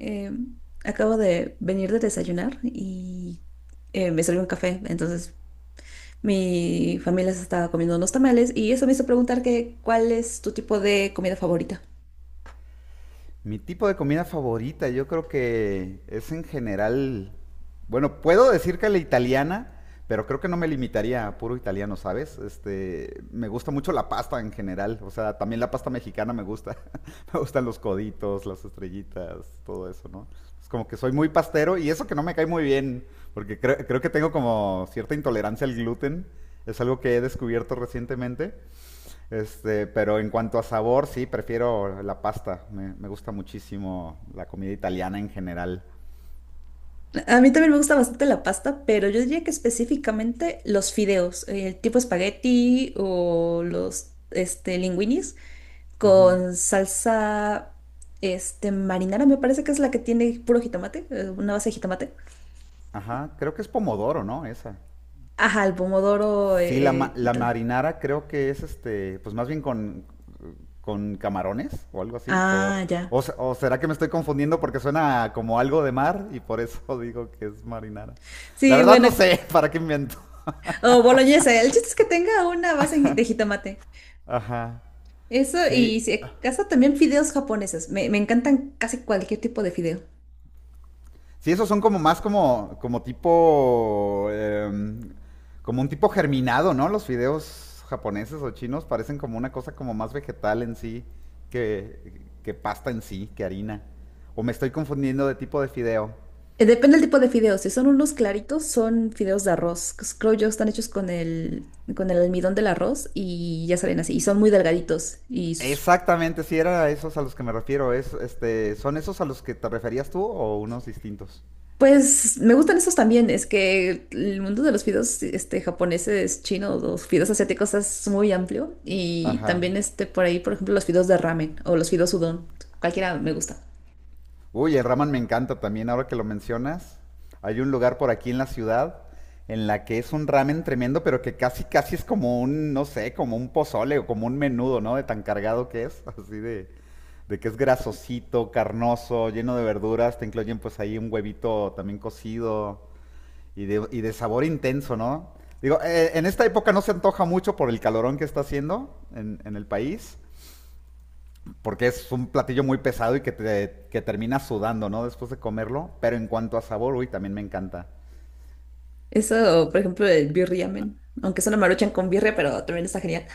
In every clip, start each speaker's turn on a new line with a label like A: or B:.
A: Eh, Acabo de venir de desayunar y me salió un café. Entonces, mi familia se estaba comiendo unos tamales y eso me hizo preguntar que, ¿cuál es tu tipo de comida favorita?
B: Mi tipo de comida favorita, yo creo que es en general, bueno, puedo decir que la italiana, pero creo que no me limitaría a puro italiano, ¿sabes? Me gusta mucho la pasta en general, o sea, también la pasta mexicana me gusta. Me gustan los coditos, las estrellitas, todo eso, ¿no? Es como que soy muy pastero y eso que no me cae muy bien, porque creo que tengo como cierta intolerancia al gluten, es algo que he descubierto recientemente. Pero en cuanto a sabor, sí, prefiero la pasta. Me gusta muchísimo la comida italiana en general.
A: A mí también me gusta bastante la pasta, pero yo diría que específicamente los fideos, tipo espagueti o los linguinis
B: Ujú.
A: con salsa marinara, me parece que es la que tiene puro jitomate, una base de jitomate.
B: Ajá, creo que es pomodoro, ¿no? Esa.
A: Ajá, el pomodoro.
B: Sí, la
A: Tal.
B: marinara creo que es pues más bien con camarones o algo así. O,
A: Ah, ya.
B: o será que me estoy confundiendo porque suena como algo de mar y por eso digo que es marinara. La
A: Sí,
B: verdad
A: bueno,
B: no sé para qué invento.
A: o boloñesa. El chiste es que tenga una base de jitomate.
B: Ajá.
A: Eso,
B: Sí,
A: y si acaso también fideos japoneses. Me encantan casi cualquier tipo de fideo.
B: sí, esos son como tipo, como un tipo germinado, ¿no? Los fideos japoneses o chinos parecen como una cosa como más vegetal en sí que, que pasta en sí, que harina. O me estoy confundiendo de tipo de fideo.
A: Depende del tipo de fideos. Si son unos claritos, son fideos de arroz. Creo yo están hechos con con el almidón del arroz y ya salen así. Y son muy delgaditos y
B: Exactamente, sí, era a esos a los que me refiero. ¿Son esos a los que te referías tú o unos distintos?
A: pues me gustan esos también, es que el mundo de los fideos japoneses, chinos, los fideos asiáticos es muy amplio y
B: Ajá.
A: también por ahí, por ejemplo, los fideos de ramen o los fideos udon, cualquiera me gusta.
B: Uy, el ramen me encanta también, ahora que lo mencionas. Hay un lugar por aquí en la ciudad en la que es un ramen tremendo, pero que casi, casi es como un, no sé, como un pozole o como un menudo, ¿no? De tan cargado que es, así de que es grasosito, carnoso, lleno de verduras, te incluyen pues ahí un huevito también cocido y de sabor intenso, ¿no? Digo, en esta época no se antoja mucho por el calorón que está haciendo en el país, porque es un platillo muy pesado y que termina sudando, ¿no? Después de comerlo. Pero en cuanto a sabor, uy, también me encanta.
A: Eso, por ejemplo, el birriamen, aunque es una maruchan con birria, pero también está genial.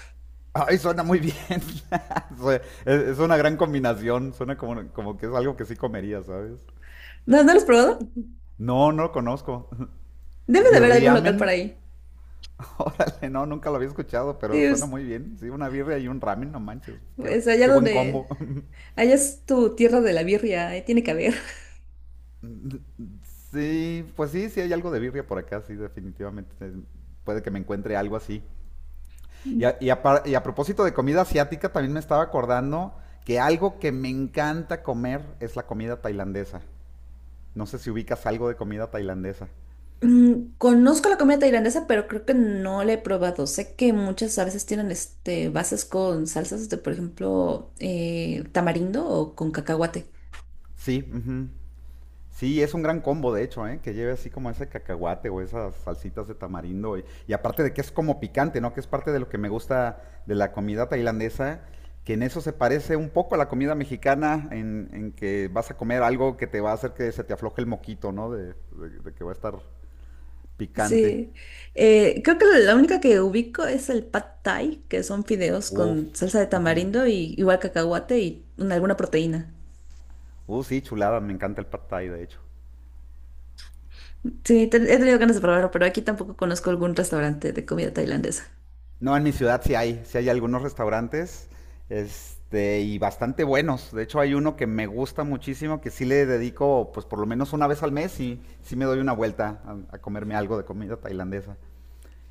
B: Ay, suena muy bien. Es una gran combinación. Suena como, como que es algo que sí comería, ¿sabes?
A: ¿No, no lo has probado?
B: No, no lo conozco.
A: Debe de haber algún local por
B: Birriamen.
A: ahí.
B: Órale, no, nunca lo había escuchado,
A: Sí,
B: pero suena
A: Es,
B: muy bien. Sí, una birria y un ramen, no manches. Qué,
A: es allá
B: qué buen
A: donde,
B: combo.
A: allá es tu tierra de la birria, ahí tiene que haber.
B: Sí, pues sí, sí hay algo de birria por acá, sí, definitivamente. Puede que me encuentre algo así. Y a, y a y a propósito de comida asiática, también me estaba acordando que algo que me encanta comer es la comida tailandesa. No sé si ubicas algo de comida tailandesa.
A: Mm, conozco la comida tailandesa, pero creo que no la he probado. Sé que muchas a veces tienen bases con salsas de, por ejemplo, tamarindo o con cacahuate.
B: Sí, ujú. Sí, es un gran combo, de hecho, ¿eh? Que lleve así como ese cacahuate o esas salsitas de tamarindo. Y aparte de que es como picante, ¿no? Que es parte de lo que me gusta de la comida tailandesa, que en eso se parece un poco a la comida mexicana, en que vas a comer algo que te va a hacer que se te afloje el moquito, ¿no? De que va a estar picante.
A: Sí, creo que la única que ubico es el pad thai, que son fideos
B: Uf,
A: con salsa de
B: ujú.
A: tamarindo y igual cacahuate y alguna proteína.
B: Sí, chulada, me encanta el pad thai, de hecho.
A: Sí, he tenido ganas de probarlo, pero aquí tampoco conozco algún restaurante de comida tailandesa.
B: No, en mi ciudad sí hay algunos restaurantes, y bastante buenos. De hecho, hay uno que me gusta muchísimo, que sí le dedico, pues por lo menos una vez al mes, y sí me doy una vuelta a comerme algo de comida tailandesa.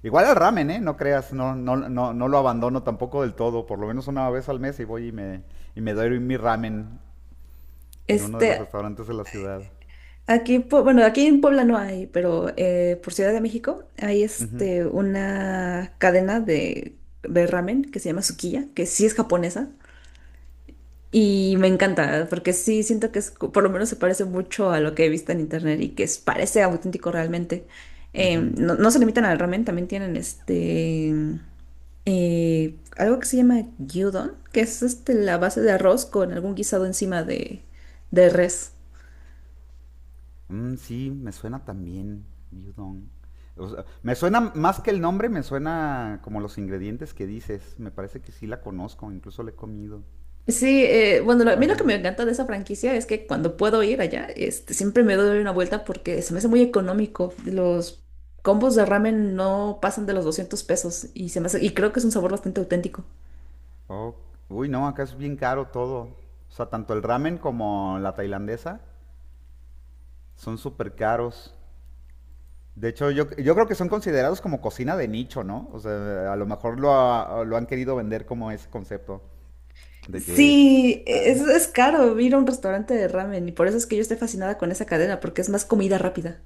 B: Igual al ramen, ¿eh? No creas, no, no, no, no lo abandono tampoco del todo. Por lo menos una vez al mes y voy y y me doy mi ramen en uno de los
A: Este,
B: restaurantes de la ciudad.
A: Aquí, en bueno, aquí en Puebla no hay, pero por Ciudad de México hay
B: Ujú,
A: una cadena de ramen que se llama Sukiya, que sí es japonesa. Y me encanta, porque sí siento que es, por lo menos se parece mucho a lo que he visto en internet y que parece auténtico realmente.
B: ujú.
A: No se limitan al ramen, también tienen algo que se llama gyudon, que es la base de arroz con algún guisado encima de res.
B: Mm, sí, me suena también, gyudon. O sea, me suena más que el nombre, me suena como los ingredientes que dices. Me parece que sí la conozco, incluso la he comido.
A: Sí, bueno, a mí lo que
B: Ajá.
A: me encanta de esa franquicia es que cuando puedo ir allá, siempre me doy una vuelta porque se me hace muy económico. Los combos de ramen no pasan de los 200 pesos y se me y creo que es un sabor bastante auténtico.
B: Oh, uy, no, acá es bien caro todo. O sea, tanto el ramen como la tailandesa son súper caros. De hecho, yo creo que son considerados como cocina de nicho, ¿no? O sea, a lo mejor lo han querido vender como ese concepto de que
A: Sí,
B: ah.
A: es caro ir a un restaurante de ramen y por eso es que yo estoy fascinada con esa cadena porque es más comida rápida.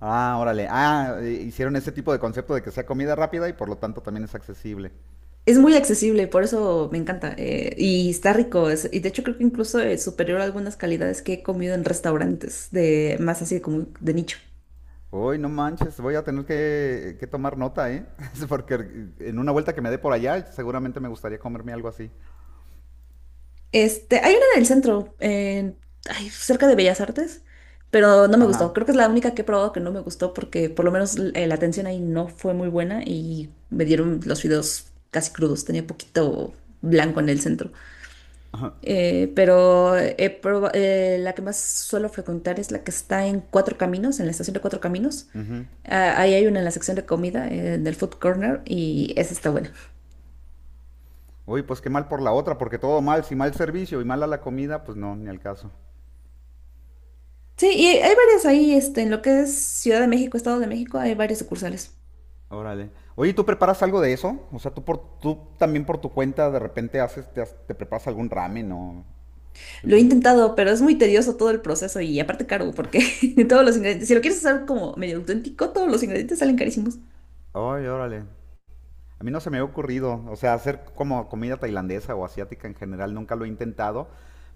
B: Ah, órale. Ah, hicieron ese tipo de concepto de que sea comida rápida y por lo tanto también es accesible.
A: Es muy accesible, por eso me encanta, y está rico. Y de hecho creo que incluso es superior a algunas calidades que he comido en restaurantes de más así como de nicho.
B: Uy, no manches, voy a tener que tomar nota, ¿eh? Es porque en una vuelta que me dé por allá, seguramente me gustaría comerme algo así.
A: Hay una en el centro, ay, cerca de Bellas Artes, pero no me gustó.
B: Ajá.
A: Creo que es la única que he probado que no me gustó porque por lo menos la atención ahí no fue muy buena y me dieron los fideos casi crudos. Tenía poquito blanco en el centro. La que más suelo frecuentar es la que está en Cuatro Caminos, en la estación de Cuatro Caminos.
B: Ujú.
A: Ah, ahí hay una en la sección de comida, en el food corner, y esa está buena.
B: Uy, pues qué mal por la otra, porque todo mal, si mal servicio y mala la comida, pues no, ni al caso.
A: Sí, y hay varias ahí, en lo que es Ciudad de México, Estado de México, hay varias sucursales.
B: Órale. Oye, ¿tú preparas algo de eso? O sea, tú también por tu cuenta de repente te preparas algún ramen o
A: Lo he
B: algún...
A: intentado, pero es muy tedioso todo el proceso y aparte caro, porque todos los ingredientes, si lo quieres hacer como medio auténtico, todos los ingredientes salen carísimos.
B: Ay, órale. A mí no se me ha ocurrido, o sea, hacer como comida tailandesa o asiática en general, nunca lo he intentado,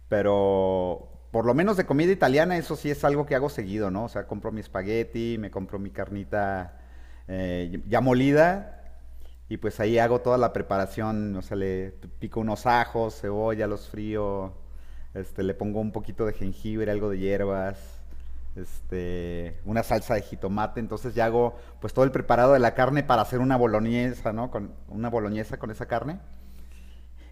B: pero por lo menos de comida italiana, eso sí es algo que hago seguido, ¿no? O sea, compro mi espagueti, me compro mi carnita ya molida y pues ahí hago toda la preparación, o sea, le pico unos ajos, cebolla, los frío, le pongo un poquito de jengibre, algo de hierbas, una salsa de jitomate, entonces ya hago pues todo el preparado de la carne para hacer una boloñesa, ¿no? Con una boloñesa con esa carne.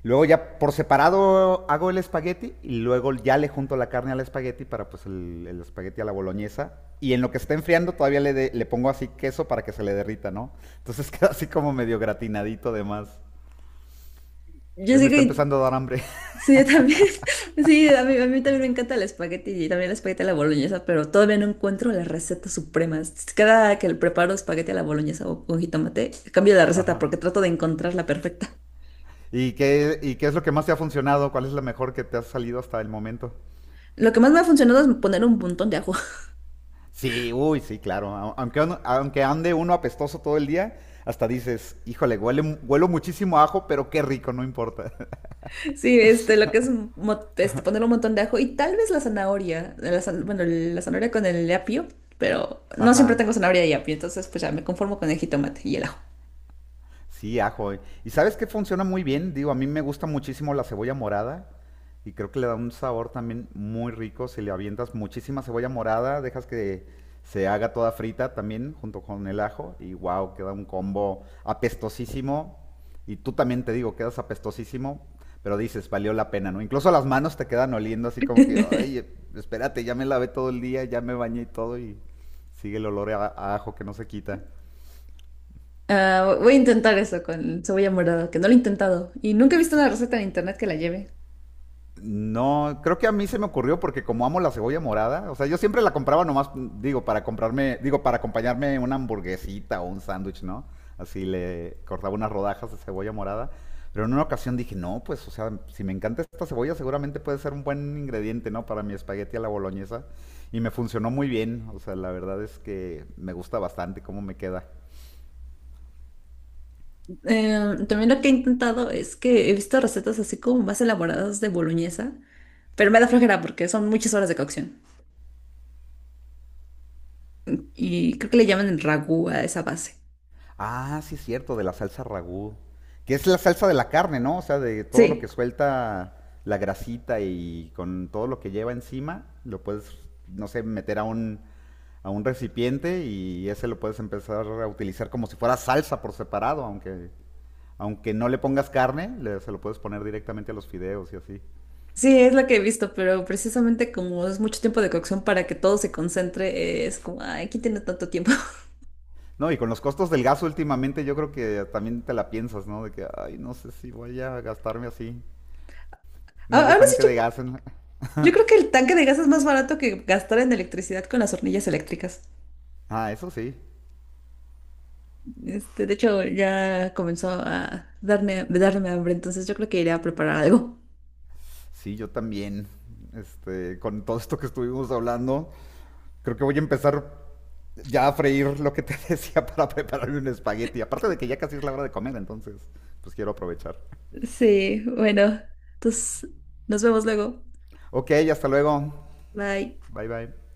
B: Luego ya por separado hago el espagueti y luego ya le junto la carne al espagueti para pues el espagueti a la boloñesa. Y en lo que está enfriando todavía le pongo así queso para que se le derrita, ¿no? Entonces queda así como medio gratinadito de más.
A: Yo
B: Hoy me
A: sé
B: está
A: que,
B: empezando a dar hambre.
A: sí, yo también, sí, a mí también me encanta el espagueti y también el espagueti a la boloñesa, pero todavía no encuentro la receta suprema. Cada que le preparo espagueti a la boloñesa o con jitomate, cambio la receta
B: Ajá.
A: porque trato de encontrar la perfecta.
B: ¿Y qué es lo que más te ha funcionado? ¿Cuál es la mejor que te ha salido hasta el momento?
A: Lo que más me ha funcionado es poner un montón de ajo.
B: Sí, uy, sí, claro. A- aunque ande uno apestoso todo el día, hasta dices, híjole, huelo muchísimo a ajo, pero qué rico, no importa.
A: Sí, este, lo que es mo- este, poner un montón de ajo y tal vez la zanahoria, bueno, la zanahoria con el apio, pero no siempre
B: Ajá.
A: tengo zanahoria y apio, entonces pues ya me conformo con el jitomate y el ajo.
B: Sí, ajo. ¿Y sabes qué funciona muy bien? Digo, a mí me gusta muchísimo la cebolla morada y creo que le da un sabor también muy rico si le avientas muchísima cebolla morada, dejas que se haga toda frita también junto con el ajo y wow, queda un combo apestosísimo. Y tú también te digo, quedas apestosísimo, pero dices, valió la pena, ¿no? Incluso las manos te quedan oliendo así como que, ay, espérate, ya me lavé todo el día, ya me bañé y todo y sigue el olor a ajo que no se quita.
A: Ah, voy a intentar eso con cebolla morada, que no lo he intentado y nunca he visto
B: Sí,
A: una receta en internet que la lleve.
B: no, creo que a mí se me ocurrió porque como amo la cebolla morada, o sea, yo siempre la compraba nomás, digo, para acompañarme una hamburguesita o un sándwich, ¿no? Así le cortaba unas rodajas de cebolla morada. Pero en una ocasión dije, no, pues, o sea, si me encanta esta cebolla, seguramente puede ser un buen ingrediente, ¿no? Para mi espagueti a la boloñesa. Y me funcionó muy bien, o sea, la verdad es que me gusta bastante cómo me queda.
A: También lo que he intentado es que he visto recetas así como más elaboradas de boloñesa, pero me da flojera porque son muchas horas de cocción y creo que le llaman el ragú a esa base.
B: Ah, sí, es cierto, de la salsa ragú. Que es la salsa de la carne, ¿no? O sea, de todo lo
A: Sí.
B: que suelta la grasita y con todo lo que lleva encima, lo puedes, no sé, meter a un recipiente y ese lo puedes empezar a utilizar como si fuera salsa por separado, aunque, aunque no le pongas carne, se lo puedes poner directamente a los fideos y así.
A: Sí, es lo que he visto, pero precisamente como es mucho tiempo de cocción para que todo se concentre, es como, ay, ¿quién tiene tanto tiempo?
B: No, y con los costos del gas últimamente yo creo que también te la piensas, ¿no? De que, ay, no sé si voy a gastarme así
A: A-
B: medio
A: Ahora sí,
B: tanque
A: yo,
B: de gas en la-".
A: yo creo que el tanque de gas es más barato que gastar en electricidad con las hornillas eléctricas.
B: Ah, eso sí.
A: De hecho, ya comenzó a darme hambre, entonces yo creo que iré a preparar algo.
B: Sí, yo también. Con todo esto que estuvimos hablando, creo que voy a empezar ya a freír lo que te decía para prepararme un espagueti. Aparte de que ya casi es la hora de comer, entonces, pues quiero aprovechar.
A: Sí, bueno, entonces nos vemos luego.
B: Ok, hasta luego.
A: Bye.
B: Bye bye.